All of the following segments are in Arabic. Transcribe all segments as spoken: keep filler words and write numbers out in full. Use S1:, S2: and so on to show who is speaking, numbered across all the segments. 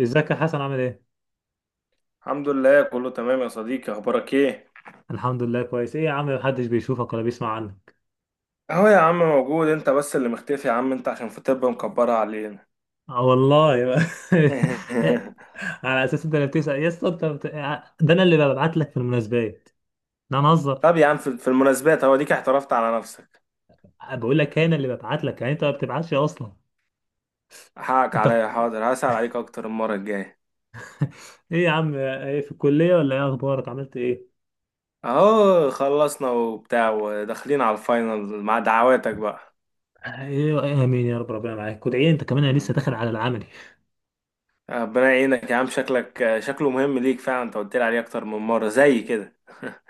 S1: ازيك يا حسن، عامل ايه؟
S2: الحمد لله، كله تمام يا صديقي. اخبارك ايه؟
S1: الحمد لله كويس. ايه يا عم، محدش بيشوفك ولا بيسمع عنك؟
S2: اهو يا عم، موجود. انت بس اللي مختفي يا عم، انت عشان في طب مكبره علينا.
S1: آه والله. على اساس انت اللي بتسأل يا اسطى، انت بت... آه، ده انا اللي ببعت لك في المناسبات. لا انا هزر.
S2: طب يا عم، في في المناسبات، هو ديك اعترفت على نفسك.
S1: بقول لك انا اللي ببعت لك، يعني انت ما بتبعتش اصلا.
S2: حقك
S1: انت
S2: عليا،
S1: بت-
S2: حاضر، هسأل عليك اكتر المره الجايه.
S1: ايه يا عم؟ آه، ايه في الكلية ولا ايه؟ اخبارك، عملت ايه؟
S2: اهو خلصنا وبتاع، وداخلين على الفاينل مع دعواتك بقى.
S1: ايه ايه، امين يا رب، ربنا معاك وادعي انت كمان، انا لسه داخل على العملي.
S2: ربنا يعينك يا عم، شكلك شكله مهم ليك فعلا، انت قلت لي عليه اكتر من مره زي كده.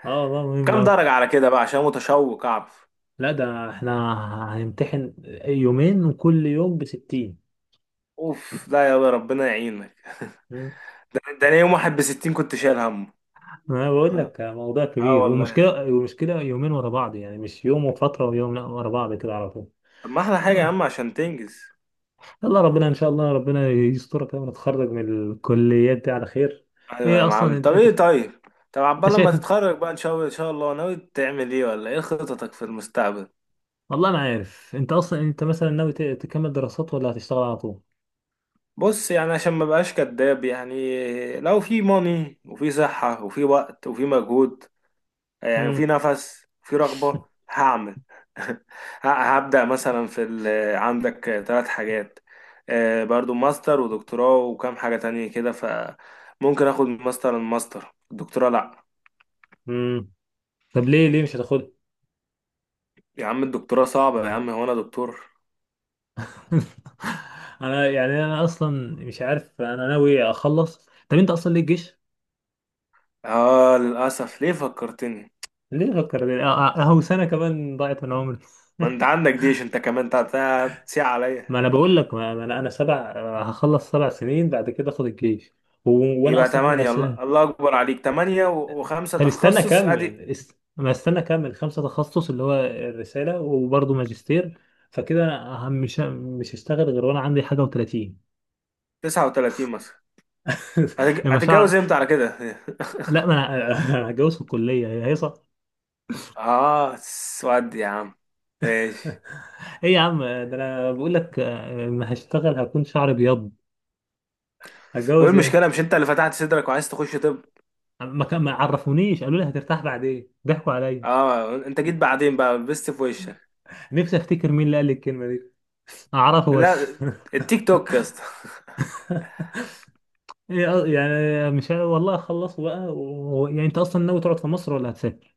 S1: اه والله مهم
S2: كام
S1: أوي.
S2: درجه على كده بقى؟ عشان متشوق اعرف.
S1: لا ده احنا هنمتحن يومين، وكل يوم بستين.
S2: اوف، لا، يا ربنا يعينك. ده, ده انا يوم واحد بستين كنت شايل همه.
S1: ما بقول
S2: اه،
S1: لك، موضوع
S2: اه
S1: كبير،
S2: والله يا اخي.
S1: ومشكلة ومشكلة، يومين ورا بعض، يعني مش يوم وفترة ويوم، لا ورا بعض كده على طول.
S2: طب ما احلى حاجه يا عم،
S1: آه.
S2: عشان تنجز.
S1: يلا، ربنا إن شاء الله، ربنا يسترك كده ونتخرج من الكليات دي على خير.
S2: ايوه يا
S1: إيه أصلا؟
S2: معلم.
S1: أنت
S2: طب
S1: أنت
S2: ايه؟ طيب. طب
S1: أنت
S2: عبال لما
S1: شايف،
S2: تتخرج بقى ان شاء الله، ان شاء الله ناوي تعمل ايه ولا ايه خططك في المستقبل؟
S1: والله أنا عارف. أنت أصلا أنت مثلا ناوي ت- تكمل دراسات ولا هتشتغل على طول؟
S2: بص يعني، عشان ما بقاش كداب، يعني لو في موني وفي صحه وفي وقت وفي مجهود، يعني في
S1: امم.
S2: نفس، في رغبة، هعمل. ه- هبدأ مثلا في ال... عندك ثلاث حاجات. آه، برضو ماستر ودكتوراه وكام حاجة تانية كده، فممكن اخد ماستر، الماستر، الدكتوراه لا.
S1: امم، طب ليه ليه مش هتاخدها؟
S2: يا عم الدكتوراه صعبة يا عم، هو انا دكتور؟
S1: أنا يعني أنا أصلا مش عارف، أنا ناوي أخلص. طب أنت أصلا ليه الجيش؟
S2: اه، للأسف، ليه فكرتني.
S1: ليه فكر. أهو سنة كمان ضاعت من عمري.
S2: ما انت عندك جيش، انت كمان تع- تع- تسيع عليا.
S1: ما انا بقول لك، ما ما انا انا سبع هخلص سبع سنين بعد كده اخد الجيش و... وانا
S2: يبقى
S1: اصلا عامل
S2: تمانية،
S1: حساب.
S2: الله الله أكبر عليك. تمانية و- وخمسة
S1: طب استنى
S2: تخصص
S1: اكمل
S2: ادي.
S1: است... ما استنى، اكمل خمسه تخصص اللي هو الرساله وبرضه ماجستير. فكده انا هم- مش مش هشتغل غير وانا عندي حاجه و30.
S2: تسعة وتلاتين مثلا. هتج-
S1: المشاعر.
S2: هتتجوز امتى على كده؟
S1: لا ما انا. أنا هتجوز في الكليه هي هيصه.
S2: اه، سواد يا عم. ماشي.
S1: ايه يا عم، ده انا بقول لك، آه، ما هشتغل هكون شعري بيض.
S2: هو إيه
S1: هتجوز ايه؟
S2: المشكلة؟ مش انت اللي فتحت صدرك وعايز تخش طب؟
S1: ما كان- ما عرفونيش، قالوا لي هترتاح بعدين، ضحكوا عليا.
S2: اه، انت جيت بعدين بقى لبست في وشك.
S1: نفسي افتكر مين اللي قال لي الكلمه دي، اعرفه بس.
S2: لا. التيك توك يا اسطى.
S1: إيه أ- يعني مش ه- والله خلصوا بقى و... و- يعني انت اصلا ناوي تقعد في مصر ولا هتسافر؟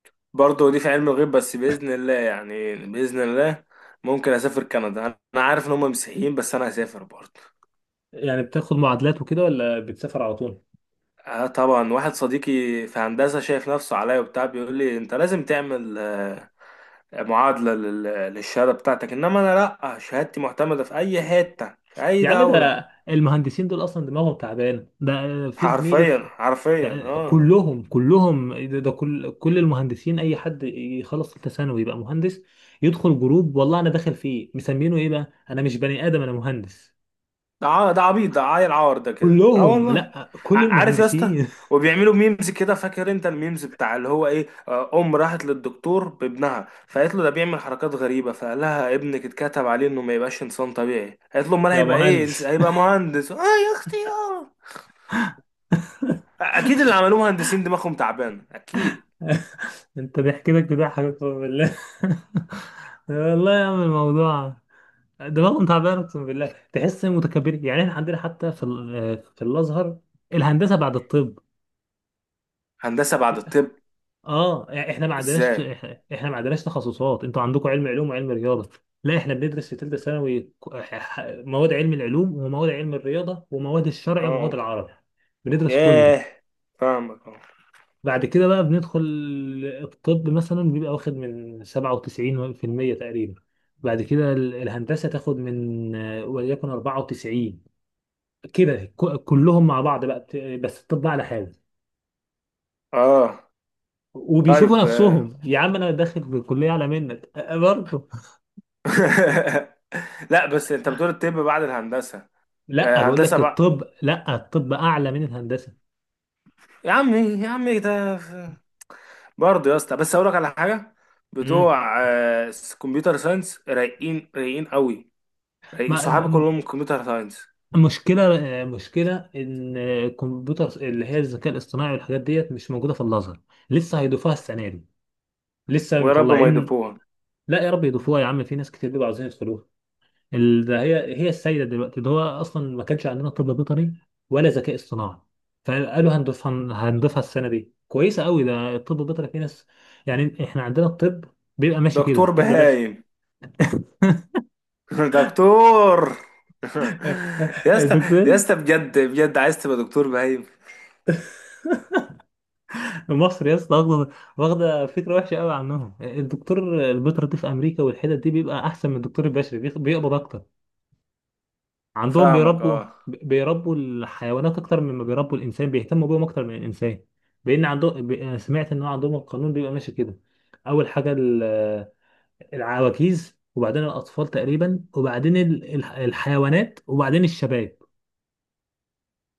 S2: برضه دي في علم الغيب، بس بإذن الله، يعني بإذن الله. ممكن أسافر كندا، أنا عارف إن هم مسيحيين، بس أنا هسافر برضه.
S1: يعني بتاخد معادلات وكده ولا بتسافر على طول؟
S2: آه، طبعا. واحد صديقي في هندسة شايف نفسه عليا وبتاع، بيقول لي أنت لازم تعمل آه، معادلة لل- للشهادة بتاعتك، إنما أنا لأ، شهادتي معتمدة في أي حتة في أي
S1: يا عم
S2: دولة.
S1: ده المهندسين دول اصلا دماغهم تعبانه. ده في زميلي
S2: حرفيا
S1: في
S2: حرفيا،
S1: ده
S2: اه.
S1: كلهم كلهم ده, ده كل كل المهندسين، اي حد يخلص ثالثه ثانوي يبقى مهندس، يدخل جروب والله انا داخل فيه مسمينه ايه بقى، انا مش بني ادم، انا مهندس.
S2: ده ع- ده عبيط، ده عيل عار ده كده، اه
S1: كلهم،
S2: والله.
S1: لا
S2: ع-
S1: كل
S2: عارف يا اسطى؟
S1: المهندسين.
S2: وبيعملوا ميمز كده. فاكر انت الميمز بتاع اللي هو ايه؟ آه، ام راحت للدكتور بابنها، فقالت له ده بيعمل حركات غريبه، فقال لها ابنك اتكتب عليه انه ما يبقاش انسان طبيعي. قالت له امال
S1: يا
S2: هيبقى ايه؟ انس-
S1: مهندس.
S2: هيبقى مهندس. اه يا اختي، اه. اكيد اللي عملوه مهندسين دماغهم تعبان، اكيد.
S1: انت ضحكتك لك بيضحكك، اقسم بالله. والله يا عم، الموضوع دماغهم تعبانه، اقسم بالله تحس متكبرين. يعني احنا عندنا حتى في ال- في الازهر الهندسه بعد الطب.
S2: هندسه بعد الطب.
S1: اه، يعني احنا ما عندناش
S2: ازاي؟
S1: احنا ما عندناش تخصصات. انتوا عندكم علم علوم وعلم رياضه، لا احنا بندرس في ثالثه ثانوي ك- ح- ح- مواد علم العلوم ومواد علم الرياضه ومواد الشرع ومواد
S2: اه.
S1: العربي، بندرس كله.
S2: ياه. فاهمك، اه.
S1: بعد كده بقى بندخل الطب، مثلا بيبقى واخد من سبعة وتسعين في المية تقريبا. بعد كده ال- الهندسة تاخد من آه، وليكن اربعة وتسعين، كده ك- كلهم مع بعض بقى، بت- بس الطب على حاجة.
S2: آه.
S1: وبيشوفوا
S2: طيب، آه.
S1: نفسهم، يا عم انا داخل الكلية اعلى منك. أه، برضه.
S2: لا، بس انت بتقول الطب بعد الهندسه؟
S1: لا
S2: آه،
S1: بقول
S2: هندسه
S1: لك
S2: بقى.
S1: الطب، لا الطب اعلى من الهندسة.
S2: يا عمي يا عمي، ده... برضه يا اسطى، بس اقول لك على حاجه.
S1: امم.
S2: بتوع آه، كمبيوتر ساينس رايقين، رايقين قوي. رايقين،
S1: ما ب-
S2: صحابي
S1: م-
S2: كلهم كمبيوتر ساينس.
S1: مشكلة آه، مشكلة ان الكمبيوتر اللي هي الذكاء الاصطناعي والحاجات ديت مش موجودة في الازهر، لسه هيضيفوها السنة دي، لسه
S2: ويا رب ما
S1: مطلعين.
S2: يدبوها.
S1: لا يا رب يضيفوها، يا عم في ناس كتير بيبقوا عاوزين يدخلوها. ال- ده هي هي السيدة دلوقتي، ده هو أصلا ما كانش عندنا طب بيطري ولا ذكاء اصطناعي، فقالوا هنضيفها هنضيفها السنة دي، كويسة قوي. ده الطب البيطري في ناس، يعني احنا عندنا الطب بيبقى ماشي كده،
S2: دكتور
S1: الطب باشا.
S2: بهايم. دكتور. يا اسطى،
S1: الدكتور.
S2: يا اسطى بجد بجد، عايز تبقى دكتور بهايم؟
S1: مصر يا اسطى واخده واخده فكره وحشه قوي عنهم. الدكتور البيطري دي في امريكا والحتت دي بيبقى احسن من الدكتور البشري، بيخ- بيقبض اكتر. عندهم
S2: فاهمك،
S1: بيربوا
S2: اه.
S1: بيربوا الحيوانات اكتر مما بيربوا الانسان، بيهتموا بيهم اكتر من الانسان. لان عندهم ب- أنا سمعت ان هو عندهم القانون بيبقى ماشي كده، اول حاجه ال- العواجيز، وبعدين الاطفال تقريبا، وبعدين ال- الح- الحيوانات، وبعدين الشباب.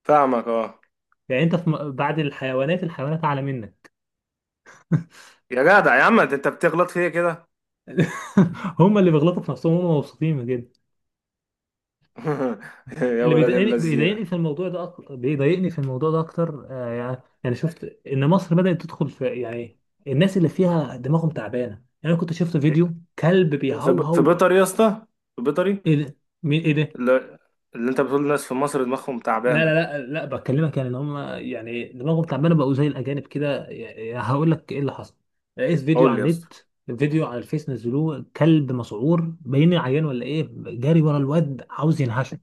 S2: فاهمك، اه.
S1: يعني انت في م- بعد الحيوانات، الحيوانات اعلى منك.
S2: يا جدع يا عم، انت بتغلط فيا كده.
S1: هم اللي بيغلطوا في نفسهم، هم مبسوطين من كده.
S2: يا
S1: اللي
S2: ولاد
S1: بيضايقني بيضايقني
S2: اللذين.
S1: في الموضوع ده اكتر، بيضايقني في الموضوع ده اكتر، آه يعني يعني شفت ان مصر بدأت تدخل في، يعني الناس اللي فيها دماغهم تعبانه يعني. انا كنت شفت فيديو كلب
S2: في في في
S1: بيهوهو.
S2: بيطري يا اسطى. في
S1: ايه
S2: بيطري.
S1: ده؟ مين؟ ايه ده؟
S2: اللي, اللي انت بتقول الناس في مصر دماغهم
S1: لا لا
S2: تعبانه.
S1: لا لا، بكلمك يعني ان هم يعني دماغهم تعبانه، بقوا زي الاجانب كده. يعني هقول لك ايه اللي حصل، لقيت فيديو
S2: قول
S1: على
S2: لي يا اسطى.
S1: النت، فيديو على الفيس نزلوه، كلب مسعور باين عيان ولا ايه، جاري ورا الواد عاوز ينهشه.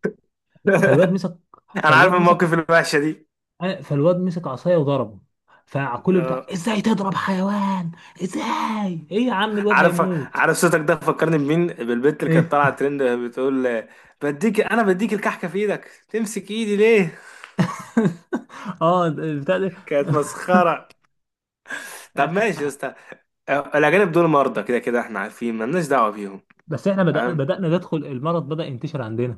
S1: فالواد مسك
S2: انا عارف
S1: فالواد مسك
S2: المواقف الوحشه دي.
S1: أنا- فالواد مسك عصايه وضربه، فكله بتاع
S2: آه،
S1: ازاي تضرب حيوان، ازاي، ايه يا عم الواد
S2: عارف.
S1: هيموت.
S2: عارف، صوتك ده فكرني بمين، بالبنت اللي كانت
S1: ايه.
S2: طالعه ترند بتقول آه، بديك، انا بديك الكحكه في ايدك، تمسك ايدي ليه؟
S1: اه ده- بتاع ده.
S2: كانت مسخره. طب ماشي يا اسطى. آه، الاجانب دول مرضى، كده كده احنا عارفين مالناش دعوه بيهم.
S1: بس احنا بدأ
S2: تمام.
S1: بدأنا ندخل، المرض بدأ ينتشر عندنا.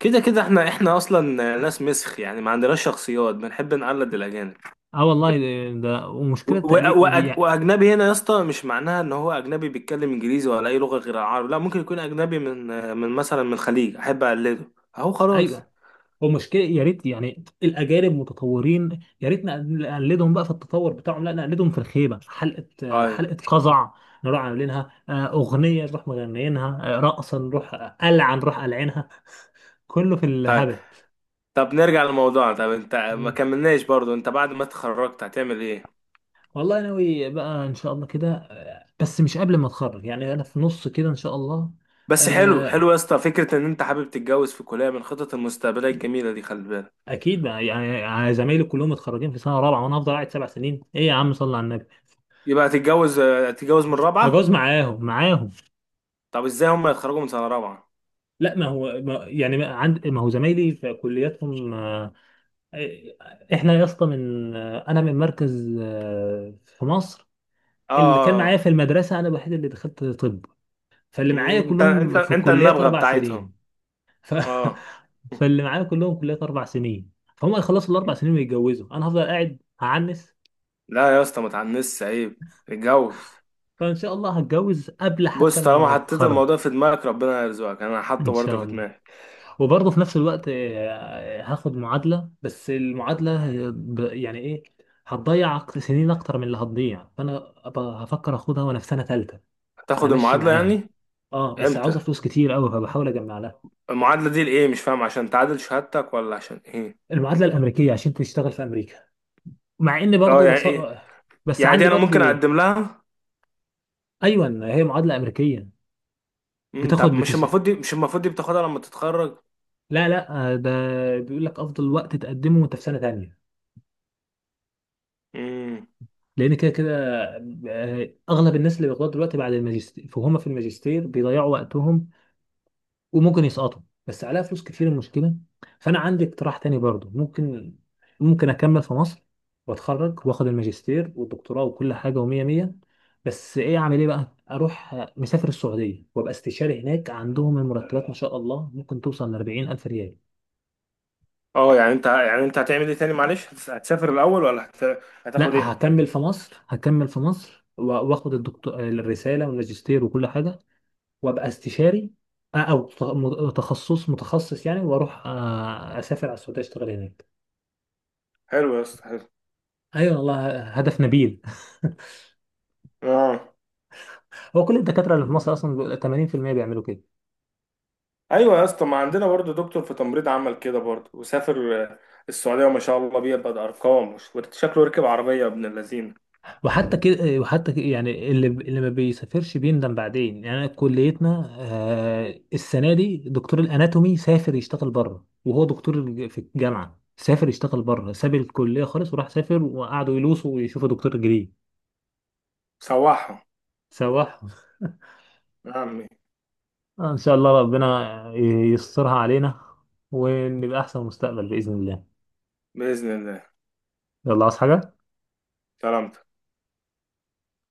S2: كده كده احنا احنا اصلا ناس مسخ، يعني ما عندناش شخصيات، بنحب نقلد الاجانب.
S1: اه والله ده ده-
S2: و-
S1: ومشكلة تقليد
S2: و- وأج-
S1: يعني.
S2: واجنبي هنا يا اسطى مش معناها ان هو اجنبي بيتكلم انجليزي ولا اي لغه غير العربي. لا، ممكن يكون اجنبي من من مثلا من الخليج، احب اقلده. اهو خلاص.
S1: ايوه. هو مشكلة إيه؟ يا ريت يعني الأجانب متطورين يا ريت نقل- نقلدهم بقى في التطور بتاعهم، لا نقلدهم في الخيبة، حلقة آه،
S2: ايوه.
S1: حلقة قزع، نروح عاملينها، آه، أغنية نروح مغنيينها، آه، رقصة، نروح قلعة نروح قلعينها، كله في
S2: طيب.
S1: الهبل.
S2: طب نرجع لموضوعنا. طب انت ما
S1: مم.
S2: كملناش برضو، انت بعد ما اتخرجت هتعمل ايه؟
S1: والله ناوي بقى إن شاء الله كده، آه، بس مش قبل ما أتخرج يعني، أنا في نص كده إن شاء الله.
S2: بس حلو حلو
S1: آه،
S2: يا اسطى، فكره ان انت حابب تتجوز في كليه من خطط المستقبليه الجميله دي، خلي بالك.
S1: أكيد بقى، يعني يعني زمايلي كلهم متخرجين في سنة رابعة، وأنا هفضل قاعد سبع سنين. إيه يا عم صلي على النبي.
S2: يبقى هتتجوز هتتجوز من
S1: هجوز
S2: رابعه؟
S1: معاهم معاهم.
S2: طب ازاي هم يتخرجوا من سنه رابعه؟
S1: لا ما هو ما يعني ما عند ما هو زمايلي في كلياتهم، آه، احنا يا اسطى من آه، انا من مركز آه، في مصر.
S2: اه،
S1: اللي كان
S2: آه،
S1: معايا
S2: آه.
S1: في المدرسه انا الوحيد اللي دخلت طب، فاللي معايا
S2: انت انت
S1: كلهم في
S2: انت
S1: كليات
S2: النبغه
S1: اربع
S2: بتاعتهم.
S1: سنين ف...
S2: اه.
S1: فاللي معايا كلهم كليات اربع سنين، فهم هيخلصوا الاربع سنين ويتجوزوا، انا هفضل قاعد هعنس.
S2: لا يا اسطى، ما تعنسش عيب. اتجوز.
S1: فان شاء الله هتجوز قبل حتى
S2: بص، طالما
S1: ما
S2: حطيت
S1: اتخرج.
S2: الموضوع في دماغك، ربنا هيرزقك. انا حاطه
S1: ان
S2: برضه
S1: شاء
S2: في
S1: الله.
S2: دماغي.
S1: وبرضه في نفس الوقت آه، هاخد معادلة. بس المعادلة هي ب- يعني ايه، هتضيع أك- سنين اكتر من اللي هتضيع، فانا أبقى هفكر اخدها وانا في سنة ثالثة،
S2: هتاخد
S1: همشي
S2: المعادله
S1: معاها.
S2: يعني؟
S1: اه بس عاوزة
S2: امتى؟
S1: فلوس كتير قوي، فبحاول اجمع لها.
S2: المعادله دي لايه؟ مش فاهم، عشان تعادل شهادتك ولا عشان ايه؟
S1: المعادلة الامريكية عشان تشتغل في امريكا، مع اني
S2: اه،
S1: برضه
S2: يعني
S1: بص...
S2: ايه؟
S1: بس
S2: يعني دي
S1: عندي
S2: انا ممكن
S1: برضه.
S2: اقدم لها؟
S1: ايوه. هي معادلة امريكية.
S2: امم طب
S1: بتاخد
S2: مش
S1: بتش...
S2: المفروض دي مش المفروض دي بتاخدها لما تتخرج؟
S1: لا لا، آه، ده بيقول لك افضل وقت تقدمه وانت في سنة تانية،
S2: امم.
S1: لان كده كده، آه، اغلب الناس اللي بياخدوها دلوقتي بعد الماجستير، فهم في الماجستير بيضيعوا وقتهم، وممكن يسقطوا، بس عليها فلوس كتير المشكله. فانا عندي اقتراح تاني برضو، ممكن ممكن اكمل في مصر، واتخرج واخد الماجستير والدكتوراه وكل حاجه ومية مية، بس ايه اعمل ايه بقى، اروح آه، مسافر السعوديه، وابقى استشاري هناك عندهم المرتبات ما شاء الله ممكن توصل ل اربعين الف ريال.
S2: اه، يعني انت يعني انت هتعمل ايه تاني؟ معلش، هتس- هتسافر الاول ولا هت... هتاخد
S1: لا
S2: ايه؟
S1: هكمل في مصر، هكمل في مصر و- واخد الدكتور، الرساله والماجستير وكل حاجه، وابقى استشاري، آه، او ت- م- تخصص متخصص يعني، واروح آه، اسافر على السعوديه اشتغل هناك.
S2: حلو يا اسطى، حلو.
S1: ايوه والله هدف نبيل.
S2: اه.
S1: هو كل الدكاتره اللي في مصر اصلا بيبقى تمانين في المية بيعملوا كده،
S2: ايوه يا اسطى، ما عندنا برضه دكتور في تمريض عمل كده برضه وسافر آه، السعوديه، وما شاء الله بيقبض ارقام وش- شكله ركب عربيه ابن اللذين.
S1: وحتى كده وحتى كده يعني اللي اللي ما بيسافرش بيندم بعدين. يعني أنا كليتنا آه، السنه دي دكتور الاناتومي سافر يشتغل بره، وهو دكتور الج- في الجامعه، سافر يشتغل بره، ساب الكليه خالص وراح سافر، وقعدوا يلوسوا ويشوفوا دكتور جديد.
S2: سواحه.
S1: سواح.
S2: يا عمي.
S1: آه، ان شاء الله ربنا يسترها علينا ونبقى احسن مستقبل باذن الله.
S2: باذن الله.
S1: يلا، عاوز حاجه؟
S2: سلامتك.